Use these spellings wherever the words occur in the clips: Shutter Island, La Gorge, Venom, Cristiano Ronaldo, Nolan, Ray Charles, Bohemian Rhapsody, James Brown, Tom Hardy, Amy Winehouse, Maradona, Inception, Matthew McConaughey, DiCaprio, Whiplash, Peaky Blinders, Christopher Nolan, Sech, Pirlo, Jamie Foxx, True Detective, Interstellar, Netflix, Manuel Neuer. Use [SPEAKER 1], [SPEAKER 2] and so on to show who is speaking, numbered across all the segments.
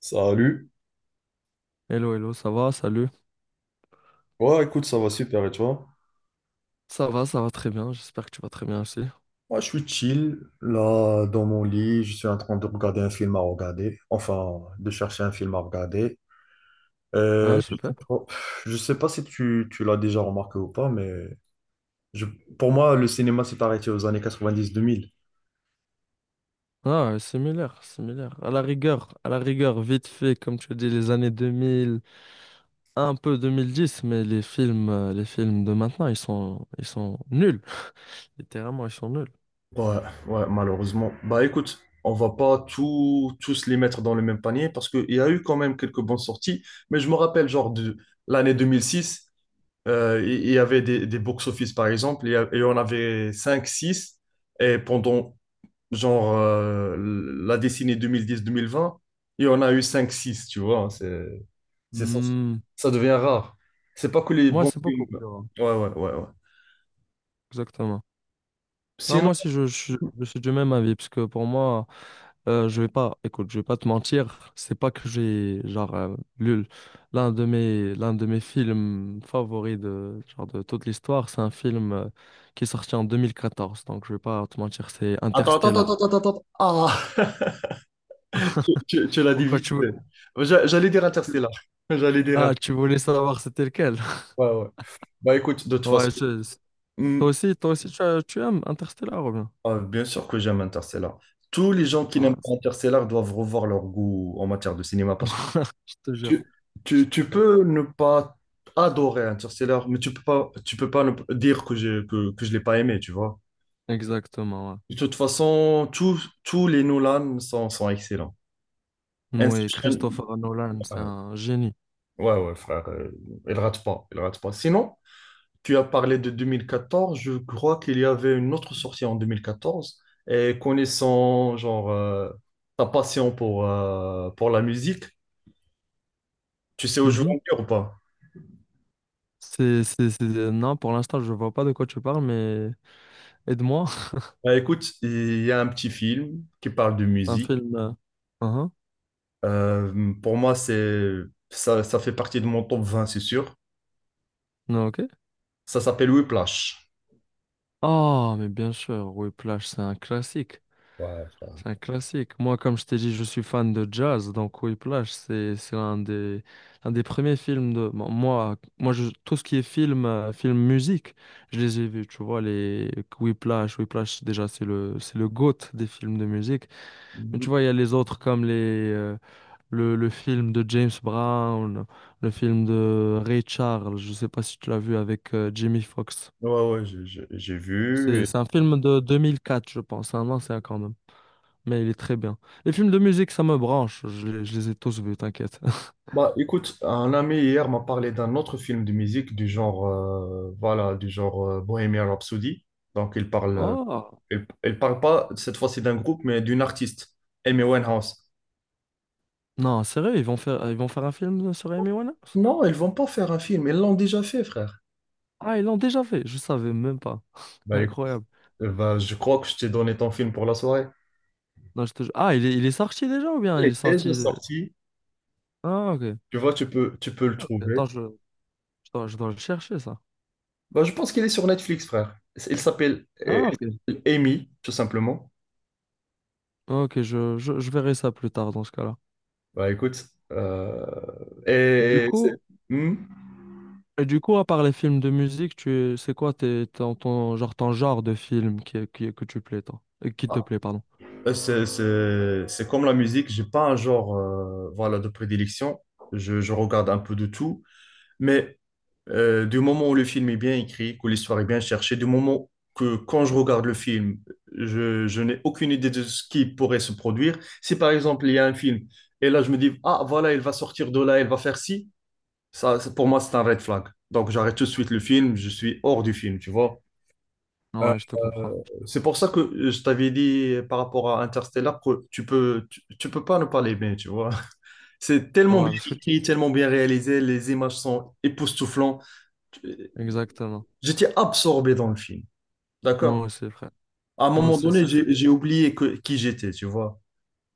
[SPEAKER 1] Salut.
[SPEAKER 2] Hello, hello, ça va, salut.
[SPEAKER 1] Ouais, écoute, ça va super et toi?
[SPEAKER 2] Ça va très bien, j'espère que tu vas très bien aussi.
[SPEAKER 1] Moi, je suis chill, là, dans mon lit, je suis en train de regarder un film à regarder, enfin, de chercher un film à regarder.
[SPEAKER 2] Ah,
[SPEAKER 1] Euh, je sais
[SPEAKER 2] super.
[SPEAKER 1] pas, je sais pas si tu l'as déjà remarqué ou pas, mais je- pour moi, le cinéma s'est arrêté aux années 90-2000.
[SPEAKER 2] Similaire, similaire. À la rigueur, vite fait, comme tu dis, les années 2000 un peu 2010, mais les films de maintenant, ils sont nuls. Littéralement, ils sont nuls.
[SPEAKER 1] Ouais, ouais, malheureusement. Bah écoute, on va pas tout, tous les mettre dans le même panier parce qu'il y a eu quand même quelques bonnes sorties, mais je me rappelle genre de l'année 2006. Il y avait des box-office, par exemple, et on avait 5 six. Et pendant, genre, la décennie 2010-2020, il y en a eu 5 six, tu vois. Hein, c'est ça.
[SPEAKER 2] Hmm,
[SPEAKER 1] Ça devient rare. C'est pas que les
[SPEAKER 2] Moi,
[SPEAKER 1] bons
[SPEAKER 2] c'est
[SPEAKER 1] films.
[SPEAKER 2] beaucoup plus rare.
[SPEAKER 1] Ouais, ouais, ouais, ouais.
[SPEAKER 2] Exactement. Non,
[SPEAKER 1] Sinon,
[SPEAKER 2] moi aussi, je suis du même avis, parce que pour moi, je vais pas, écoute, je vais pas te mentir, c'est pas que j'ai, lu l'un de mes films favoris de, genre, de toute l'histoire, c'est un film qui est sorti en 2014, donc je vais pas te mentir, c'est
[SPEAKER 1] attends, attends,
[SPEAKER 2] Interstellar.
[SPEAKER 1] attends, attends, attends, attends. Ah, tu l'as dit
[SPEAKER 2] Pourquoi
[SPEAKER 1] vite
[SPEAKER 2] tu veux…
[SPEAKER 1] fait. J'allais dire Interstellar. J'allais dire
[SPEAKER 2] Ah,
[SPEAKER 1] Inter-.
[SPEAKER 2] tu voulais savoir c'était lequel?
[SPEAKER 1] Ouais, ouais. Bah écoute, de toute façon.
[SPEAKER 2] Ouais, je- je-
[SPEAKER 1] Hmm.
[SPEAKER 2] toi aussi, tu aimes Interstellar, ou bien?
[SPEAKER 1] Ah, bien sûr que j'aime Interstellar. Tous les gens qui n'aiment pas
[SPEAKER 2] Ouais.
[SPEAKER 1] Interstellar doivent revoir leur goût en matière de cinéma, parce que
[SPEAKER 2] Je te jure,
[SPEAKER 1] tu,
[SPEAKER 2] je
[SPEAKER 1] tu
[SPEAKER 2] te jure.
[SPEAKER 1] peux ne pas adorer Interstellar, mais tu peux pas ne p- dire que que je l'ai pas aimé, tu vois.
[SPEAKER 2] Exactement, ouais.
[SPEAKER 1] De toute façon, tous les Nolan sont excellents.
[SPEAKER 2] Oui,
[SPEAKER 1] Inception,
[SPEAKER 2] Christopher Nolan, c'est
[SPEAKER 1] ouais,
[SPEAKER 2] un génie.
[SPEAKER 1] ouais, ouais, frère, il rate pas, il rate pas. Sinon, tu as parlé de 2014, je crois qu'il y avait une autre sortie en 2014. Et connaissant genre ta passion pour la musique, tu sais où je veux en
[SPEAKER 2] Mhm.
[SPEAKER 1] venir ou pas?
[SPEAKER 2] Non, pour l'instant, je vois pas de quoi tu parles, mais aide-moi.
[SPEAKER 1] Bah, écoute, il y a un petit film qui parle de
[SPEAKER 2] Un
[SPEAKER 1] musique.
[SPEAKER 2] film. Uhum.
[SPEAKER 1] Pour moi, c'est ça. Ça fait partie de mon top 20, c'est sûr.
[SPEAKER 2] Non, ok.
[SPEAKER 1] Ça s'appelle Whiplash.
[SPEAKER 2] Oh, mais bien sûr, Whiplash, c'est un classique.
[SPEAKER 1] Ouais, ça-
[SPEAKER 2] C'est un classique. Moi, comme je t'ai dit, je suis fan de jazz, donc Whiplash, c'est l'un des premiers films de. Tout ce qui est film, film musique, je les ai vus, tu vois, les Whiplash. Whiplash, déjà, c'est le GOAT des films de musique. Mais
[SPEAKER 1] Ouais,
[SPEAKER 2] tu vois, il y a les autres comme les. Le film de James Brown, le film de Ray Charles, je sais pas si tu l'as vu avec Jamie Foxx.
[SPEAKER 1] ouais, j'ai vu.
[SPEAKER 2] C'est un film de 2004, je pense, un ancien quand même, mais il est très bien. Les films de musique, ça me branche, je les ai tous vus, t'inquiète.
[SPEAKER 1] Bah, écoute, un ami hier m'a parlé d'un autre film de musique du genre, voilà, du genre Bohemian Rhapsody. Donc, il parle, euh,
[SPEAKER 2] Oh!
[SPEAKER 1] il, il parle pas cette fois-ci d'un groupe, mais d'une artiste, Amy Winehouse.
[SPEAKER 2] Non, sérieux, ils vont faire un film sur Amy Winehouse?
[SPEAKER 1] Non, ils vont pas faire un film, ils l'ont déjà fait, frère.
[SPEAKER 2] Ah, ils l'ont déjà fait, je savais même pas.
[SPEAKER 1] Bah, écoute,
[SPEAKER 2] Incroyable.
[SPEAKER 1] bah, je crois que je t'ai donné ton film pour la soirée.
[SPEAKER 2] Non, je te... ju- Ah, il est sorti déjà ou bien
[SPEAKER 1] Il
[SPEAKER 2] il est
[SPEAKER 1] est déjà
[SPEAKER 2] sorti…
[SPEAKER 1] sorti,
[SPEAKER 2] Ah, ok.
[SPEAKER 1] tu vois, tu peux
[SPEAKER 2] Ah,
[SPEAKER 1] le
[SPEAKER 2] ok,
[SPEAKER 1] trouver.
[SPEAKER 2] attends, je dois le chercher, ça.
[SPEAKER 1] Bah, je pense qu'il est sur Netflix, frère. Il s'appelle
[SPEAKER 2] Ah, ok.
[SPEAKER 1] Amy, tout simplement.
[SPEAKER 2] Ok, je verrai ça plus tard dans ce cas-là.
[SPEAKER 1] Bah écoute, euh,
[SPEAKER 2] Du
[SPEAKER 1] et c'est
[SPEAKER 2] coup,
[SPEAKER 1] hmm
[SPEAKER 2] et du coup, à part les films de musique, c'est quoi genre, ton genre de film que tu plais, toi? Qui te
[SPEAKER 1] Ah.
[SPEAKER 2] plaît, pardon.
[SPEAKER 1] C'est comme la musique, j'ai pas un genre voilà, de prédilection. Je regarde un peu de tout, mais du moment où le film est bien écrit, que l'histoire est bien cherchée, du moment que quand je regarde le film, je n'ai aucune idée de ce qui pourrait se produire. Si par exemple il y a un film et là je me dis, ah voilà, il va sortir de là, il va faire ci, pour moi c'est un red flag. Donc j'arrête tout de suite le film, je suis hors du film, tu vois. Euh,
[SPEAKER 2] Ouais, je te
[SPEAKER 1] euh,
[SPEAKER 2] comprends.
[SPEAKER 1] c'est pour ça que je t'avais dit par rapport à Interstellar que tu peux pas ne pas l'aimer, tu vois. C'est
[SPEAKER 2] Ouais,
[SPEAKER 1] tellement bien
[SPEAKER 2] parce que tu-
[SPEAKER 1] écrit, tellement bien réalisé, les images sont époustouflantes.
[SPEAKER 2] Exactement.
[SPEAKER 1] J'étais absorbé dans le film,
[SPEAKER 2] Moi
[SPEAKER 1] d'accord?
[SPEAKER 2] aussi, frère.
[SPEAKER 1] À un
[SPEAKER 2] Moi
[SPEAKER 1] moment
[SPEAKER 2] aussi,
[SPEAKER 1] donné,
[SPEAKER 2] c'était…
[SPEAKER 1] j'ai oublié qui j'étais, tu vois.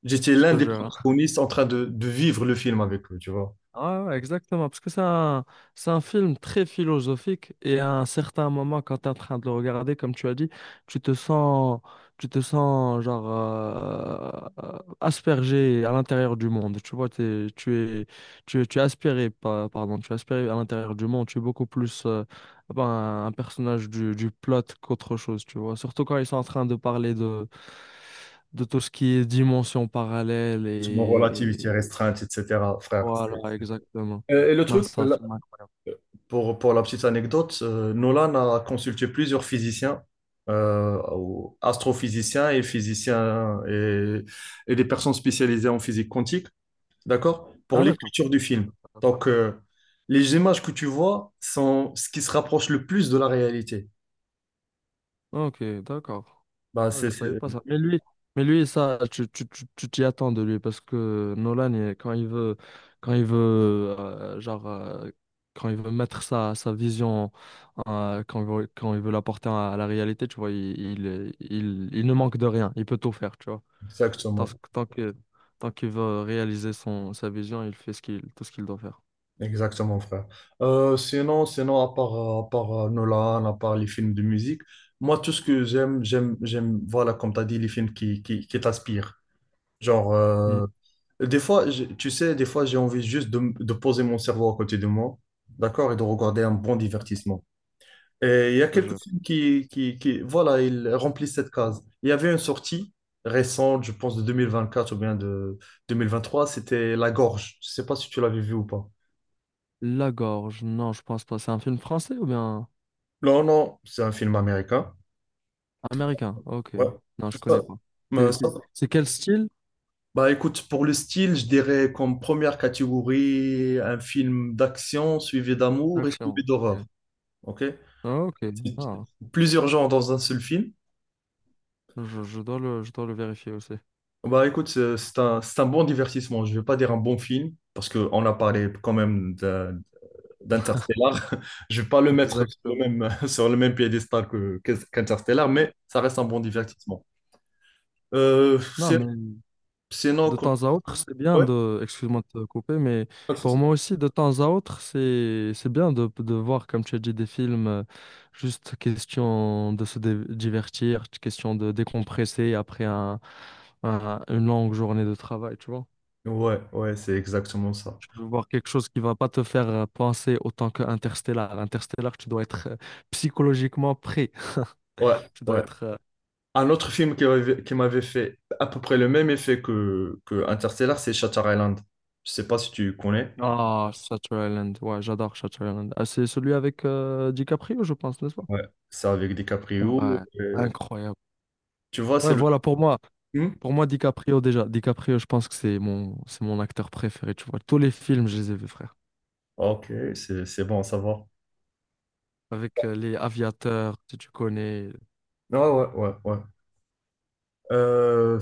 [SPEAKER 1] J'étais
[SPEAKER 2] Je
[SPEAKER 1] l'un
[SPEAKER 2] te
[SPEAKER 1] des
[SPEAKER 2] jure.
[SPEAKER 1] protagonistes en train de vivre le film avec eux, tu vois.
[SPEAKER 2] Ouais, ouais, exactement, parce que c'est un film très philosophique et à un certain moment, quand tu es en train de le regarder, comme tu as dit, tu te sens, tu te sens aspergé à l'intérieur du monde. Tu vois, es, tu es aspiré, pardon, tu es aspiré à l'intérieur du monde. Tu es beaucoup plus un personnage du plot qu'autre chose, tu vois. Surtout quand ils sont en train de parler de tout ce qui est dimension parallèle.
[SPEAKER 1] Sur mon relativité restreinte, etc., frère.
[SPEAKER 2] Voilà, exactement.
[SPEAKER 1] Et le
[SPEAKER 2] Non,
[SPEAKER 1] truc,
[SPEAKER 2] c'est un
[SPEAKER 1] la.
[SPEAKER 2] film.
[SPEAKER 1] Pour la petite anecdote, Nolan a consulté plusieurs physiciens, ou astrophysiciens et physiciens et des personnes spécialisées en physique quantique, d'accord, pour
[SPEAKER 2] Ah, d'accord.
[SPEAKER 1] l'écriture du
[SPEAKER 2] Ah,
[SPEAKER 1] film.
[SPEAKER 2] d'accord.
[SPEAKER 1] Donc, les images que tu vois sont ce qui se rapproche le plus de la réalité.
[SPEAKER 2] Ok, d'accord.
[SPEAKER 1] Bah,
[SPEAKER 2] Ah,
[SPEAKER 1] c'est,
[SPEAKER 2] je savais
[SPEAKER 1] c'est-
[SPEAKER 2] pas ça. Mais lui, ça, tu t'y attends de lui, parce que Nolan, quand il veut, quand il veut, quand il veut mettre sa vision, quand il veut l'apporter à la réalité, tu vois, il ne manque de rien. Il peut tout faire, tu vois.
[SPEAKER 1] Exactement.
[SPEAKER 2] Tant que, tant qu'il veut réaliser sa vision, il fait tout ce qu'il doit faire.
[SPEAKER 1] Exactement, frère. Sinon, à part, Nolan, à part les films de musique, moi, tout ce que j'aime, voilà, comme tu as dit, les films qui t'aspirent. Genre,
[SPEAKER 2] Mhm.
[SPEAKER 1] des fois, tu sais, des fois, j'ai envie juste de poser mon cerveau à côté de moi, d'accord, et de regarder un bon divertissement. Et il y
[SPEAKER 2] Je
[SPEAKER 1] a
[SPEAKER 2] te
[SPEAKER 1] quelques
[SPEAKER 2] jure.
[SPEAKER 1] films qui, voilà, ils remplissent cette case. Il y avait une sortie récente, je pense, de 2024 ou bien de deux mille vingt trois, c'était La Gorge. Je sais pas si tu l'avais vu ou pas.
[SPEAKER 2] La Gorge, non, je pense pas. C'est un film français ou bien
[SPEAKER 1] Non, non, c'est un film américain.
[SPEAKER 2] américain? Ok.
[SPEAKER 1] Ouais.
[SPEAKER 2] Non, je
[SPEAKER 1] Ça-
[SPEAKER 2] connais pas.
[SPEAKER 1] euh, ça-
[SPEAKER 2] C'est quel style
[SPEAKER 1] Bah écoute, pour le style, je dirais comme première catégorie, un film d'action suivi d'amour et
[SPEAKER 2] d'action?
[SPEAKER 1] suivi
[SPEAKER 2] Ok.
[SPEAKER 1] d'horreur. Ok?
[SPEAKER 2] Ah, ok.
[SPEAKER 1] C'est
[SPEAKER 2] Ah,
[SPEAKER 1] Plusieurs genres dans un seul film.
[SPEAKER 2] je dois le vérifier aussi.
[SPEAKER 1] Bah écoute, c'est un bon divertissement. Je vais pas dire un bon film, parce qu'on a parlé quand même d'Interstellar. Je vais pas le mettre sur le
[SPEAKER 2] Exactement.
[SPEAKER 1] même, sur le même piédestal qu'Interstellar, mais ça reste un bon
[SPEAKER 2] Exact.
[SPEAKER 1] divertissement. Euh,
[SPEAKER 2] Non,
[SPEAKER 1] c'est-
[SPEAKER 2] mais
[SPEAKER 1] Sinon,
[SPEAKER 2] de temps à autre, c'est bien
[SPEAKER 1] ouais,
[SPEAKER 2] de, excuse-moi de te couper, mais
[SPEAKER 1] pas de
[SPEAKER 2] pour
[SPEAKER 1] souci.
[SPEAKER 2] moi aussi, de temps à autre, c'est bien de voir, comme tu as dit, des films, juste question de se divertir, question de décompresser après une longue journée de travail, tu vois.
[SPEAKER 1] Ouais, ouais, c'est exactement ça.
[SPEAKER 2] Tu peux voir quelque chose qui va pas te faire penser autant que Interstellar. Interstellar, tu dois être psychologiquement prêt.
[SPEAKER 1] Ouais,
[SPEAKER 2] Tu dois
[SPEAKER 1] ouais.
[SPEAKER 2] être…
[SPEAKER 1] Un autre film qui m'avait fait à peu près le même effet que Interstellar, c'est Shutter Island. Je sais pas si tu connais.
[SPEAKER 2] Ah, Shutter Island, ouais, j'adore Shutter Island. Ah, c'est celui avec DiCaprio, je pense, n'est-ce pas?
[SPEAKER 1] Ouais. C'est avec DiCaprio.
[SPEAKER 2] Ouais,
[SPEAKER 1] euh,
[SPEAKER 2] incroyable.
[SPEAKER 1] Tu vois, c'est
[SPEAKER 2] Ouais,
[SPEAKER 1] le...
[SPEAKER 2] voilà,
[SPEAKER 1] Hmm.
[SPEAKER 2] pour moi, DiCaprio, déjà, DiCaprio, je pense que c'est mon acteur préféré, tu vois. Tous les films, je les ai vus, frère.
[SPEAKER 1] Ok, c'est bon à savoir.
[SPEAKER 2] Avec les aviateurs, si tu connais.
[SPEAKER 1] Ah ouais, ouais, ouais. Euh,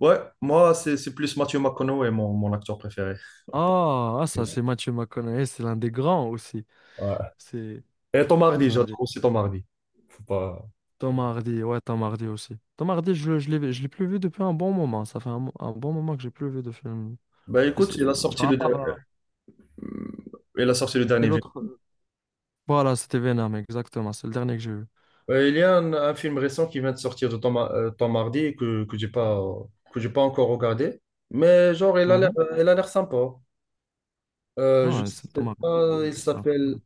[SPEAKER 1] ouais, moi, c'est plus Matthew McConaughey, mon acteur préféré.
[SPEAKER 2] Ah, ah, ça, c'est Matthew McConaughey, c'est l'un des grands aussi.
[SPEAKER 1] Ouais.
[SPEAKER 2] C'est
[SPEAKER 1] Et Tom Hardy,
[SPEAKER 2] l'un
[SPEAKER 1] j'adore
[SPEAKER 2] des…
[SPEAKER 1] aussi Tom Hardy. Faut pas...
[SPEAKER 2] Tom Hardy, ouais, Tom Hardy aussi. Tom Hardy, je l'ai plus vu depuis un bon moment. Ça fait un bon moment que j'ai plus vu de film.
[SPEAKER 1] Bah écoute, il a sorti
[SPEAKER 2] Genre, à part,
[SPEAKER 1] Hmm, il a sorti le
[SPEAKER 2] c'est
[SPEAKER 1] dernier.
[SPEAKER 2] l'autre… Voilà, c'était Venom, exactement. C'est le dernier que j'ai vu.
[SPEAKER 1] Il y a un film récent qui vient de sortir de temps, temps mardi, que j'ai pas encore regardé. Mais genre,
[SPEAKER 2] Mhm.
[SPEAKER 1] il a l'air sympa. Je
[SPEAKER 2] Ouais, c'est
[SPEAKER 1] sais
[SPEAKER 2] Tom Hardy,
[SPEAKER 1] pas, il
[SPEAKER 2] c'est un…
[SPEAKER 1] s'appelle...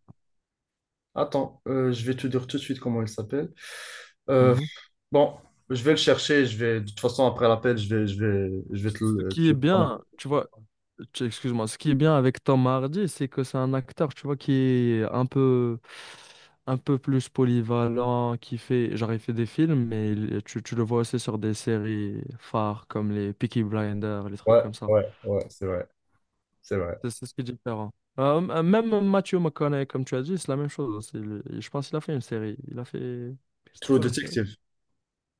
[SPEAKER 1] Attends, je vais te dire tout de suite comment il s'appelle. Euh,
[SPEAKER 2] Mhm.
[SPEAKER 1] bon, je vais le chercher. Je vais, de toute façon, après l'appel, je vais te
[SPEAKER 2] Ce
[SPEAKER 1] le...
[SPEAKER 2] qui est
[SPEAKER 1] tu.
[SPEAKER 2] bien, tu vois, excuse-moi, ce qui est bien avec Tom Hardy, c'est que c'est un acteur, tu vois, qui est un peu plus polyvalent, qui fait, genre, il fait des films, mais tu le vois aussi sur des séries phares comme les Peaky Blinders, les trucs
[SPEAKER 1] Ouais,
[SPEAKER 2] comme ça.
[SPEAKER 1] ouais, ouais, c'est vrai, c'est vrai.
[SPEAKER 2] C'est ce qui est différent. Même Matthew McConaughey, comme tu as dit, c'est la même chose aussi. Je pense qu'il a fait une série. Il a fait… C'était
[SPEAKER 1] True
[SPEAKER 2] quoi la série?
[SPEAKER 1] Detective.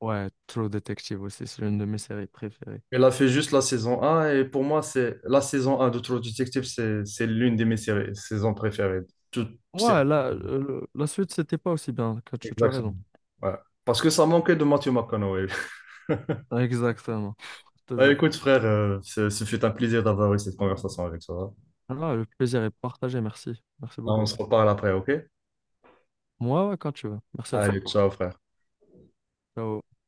[SPEAKER 2] Ouais, True Detective aussi, c'est l'une de mes séries préférées.
[SPEAKER 1] Elle a fait juste la saison un et pour moi, c'est la saison un de True Detective, c'est l'une de mes séries, saisons préférées. Toute série.
[SPEAKER 2] Ouais, la suite, c'était pas aussi bien. Que tu as raison.
[SPEAKER 1] Exactement. Ouais. Parce que ça manquait de Matthew McConaughey.
[SPEAKER 2] Exactement. Je te
[SPEAKER 1] Bah,
[SPEAKER 2] jure.
[SPEAKER 1] écoute, frère, ce fut un plaisir d'avoir eu cette conversation avec toi.
[SPEAKER 2] Ah, le plaisir est partagé. Merci. Merci
[SPEAKER 1] On
[SPEAKER 2] beaucoup.
[SPEAKER 1] se reparle après, ok?
[SPEAKER 2] Moi, ouais, quand tu veux. Merci
[SPEAKER 1] Ça
[SPEAKER 2] à
[SPEAKER 1] Allez,
[SPEAKER 2] toi.
[SPEAKER 1] ciao, frère.
[SPEAKER 2] Ciao.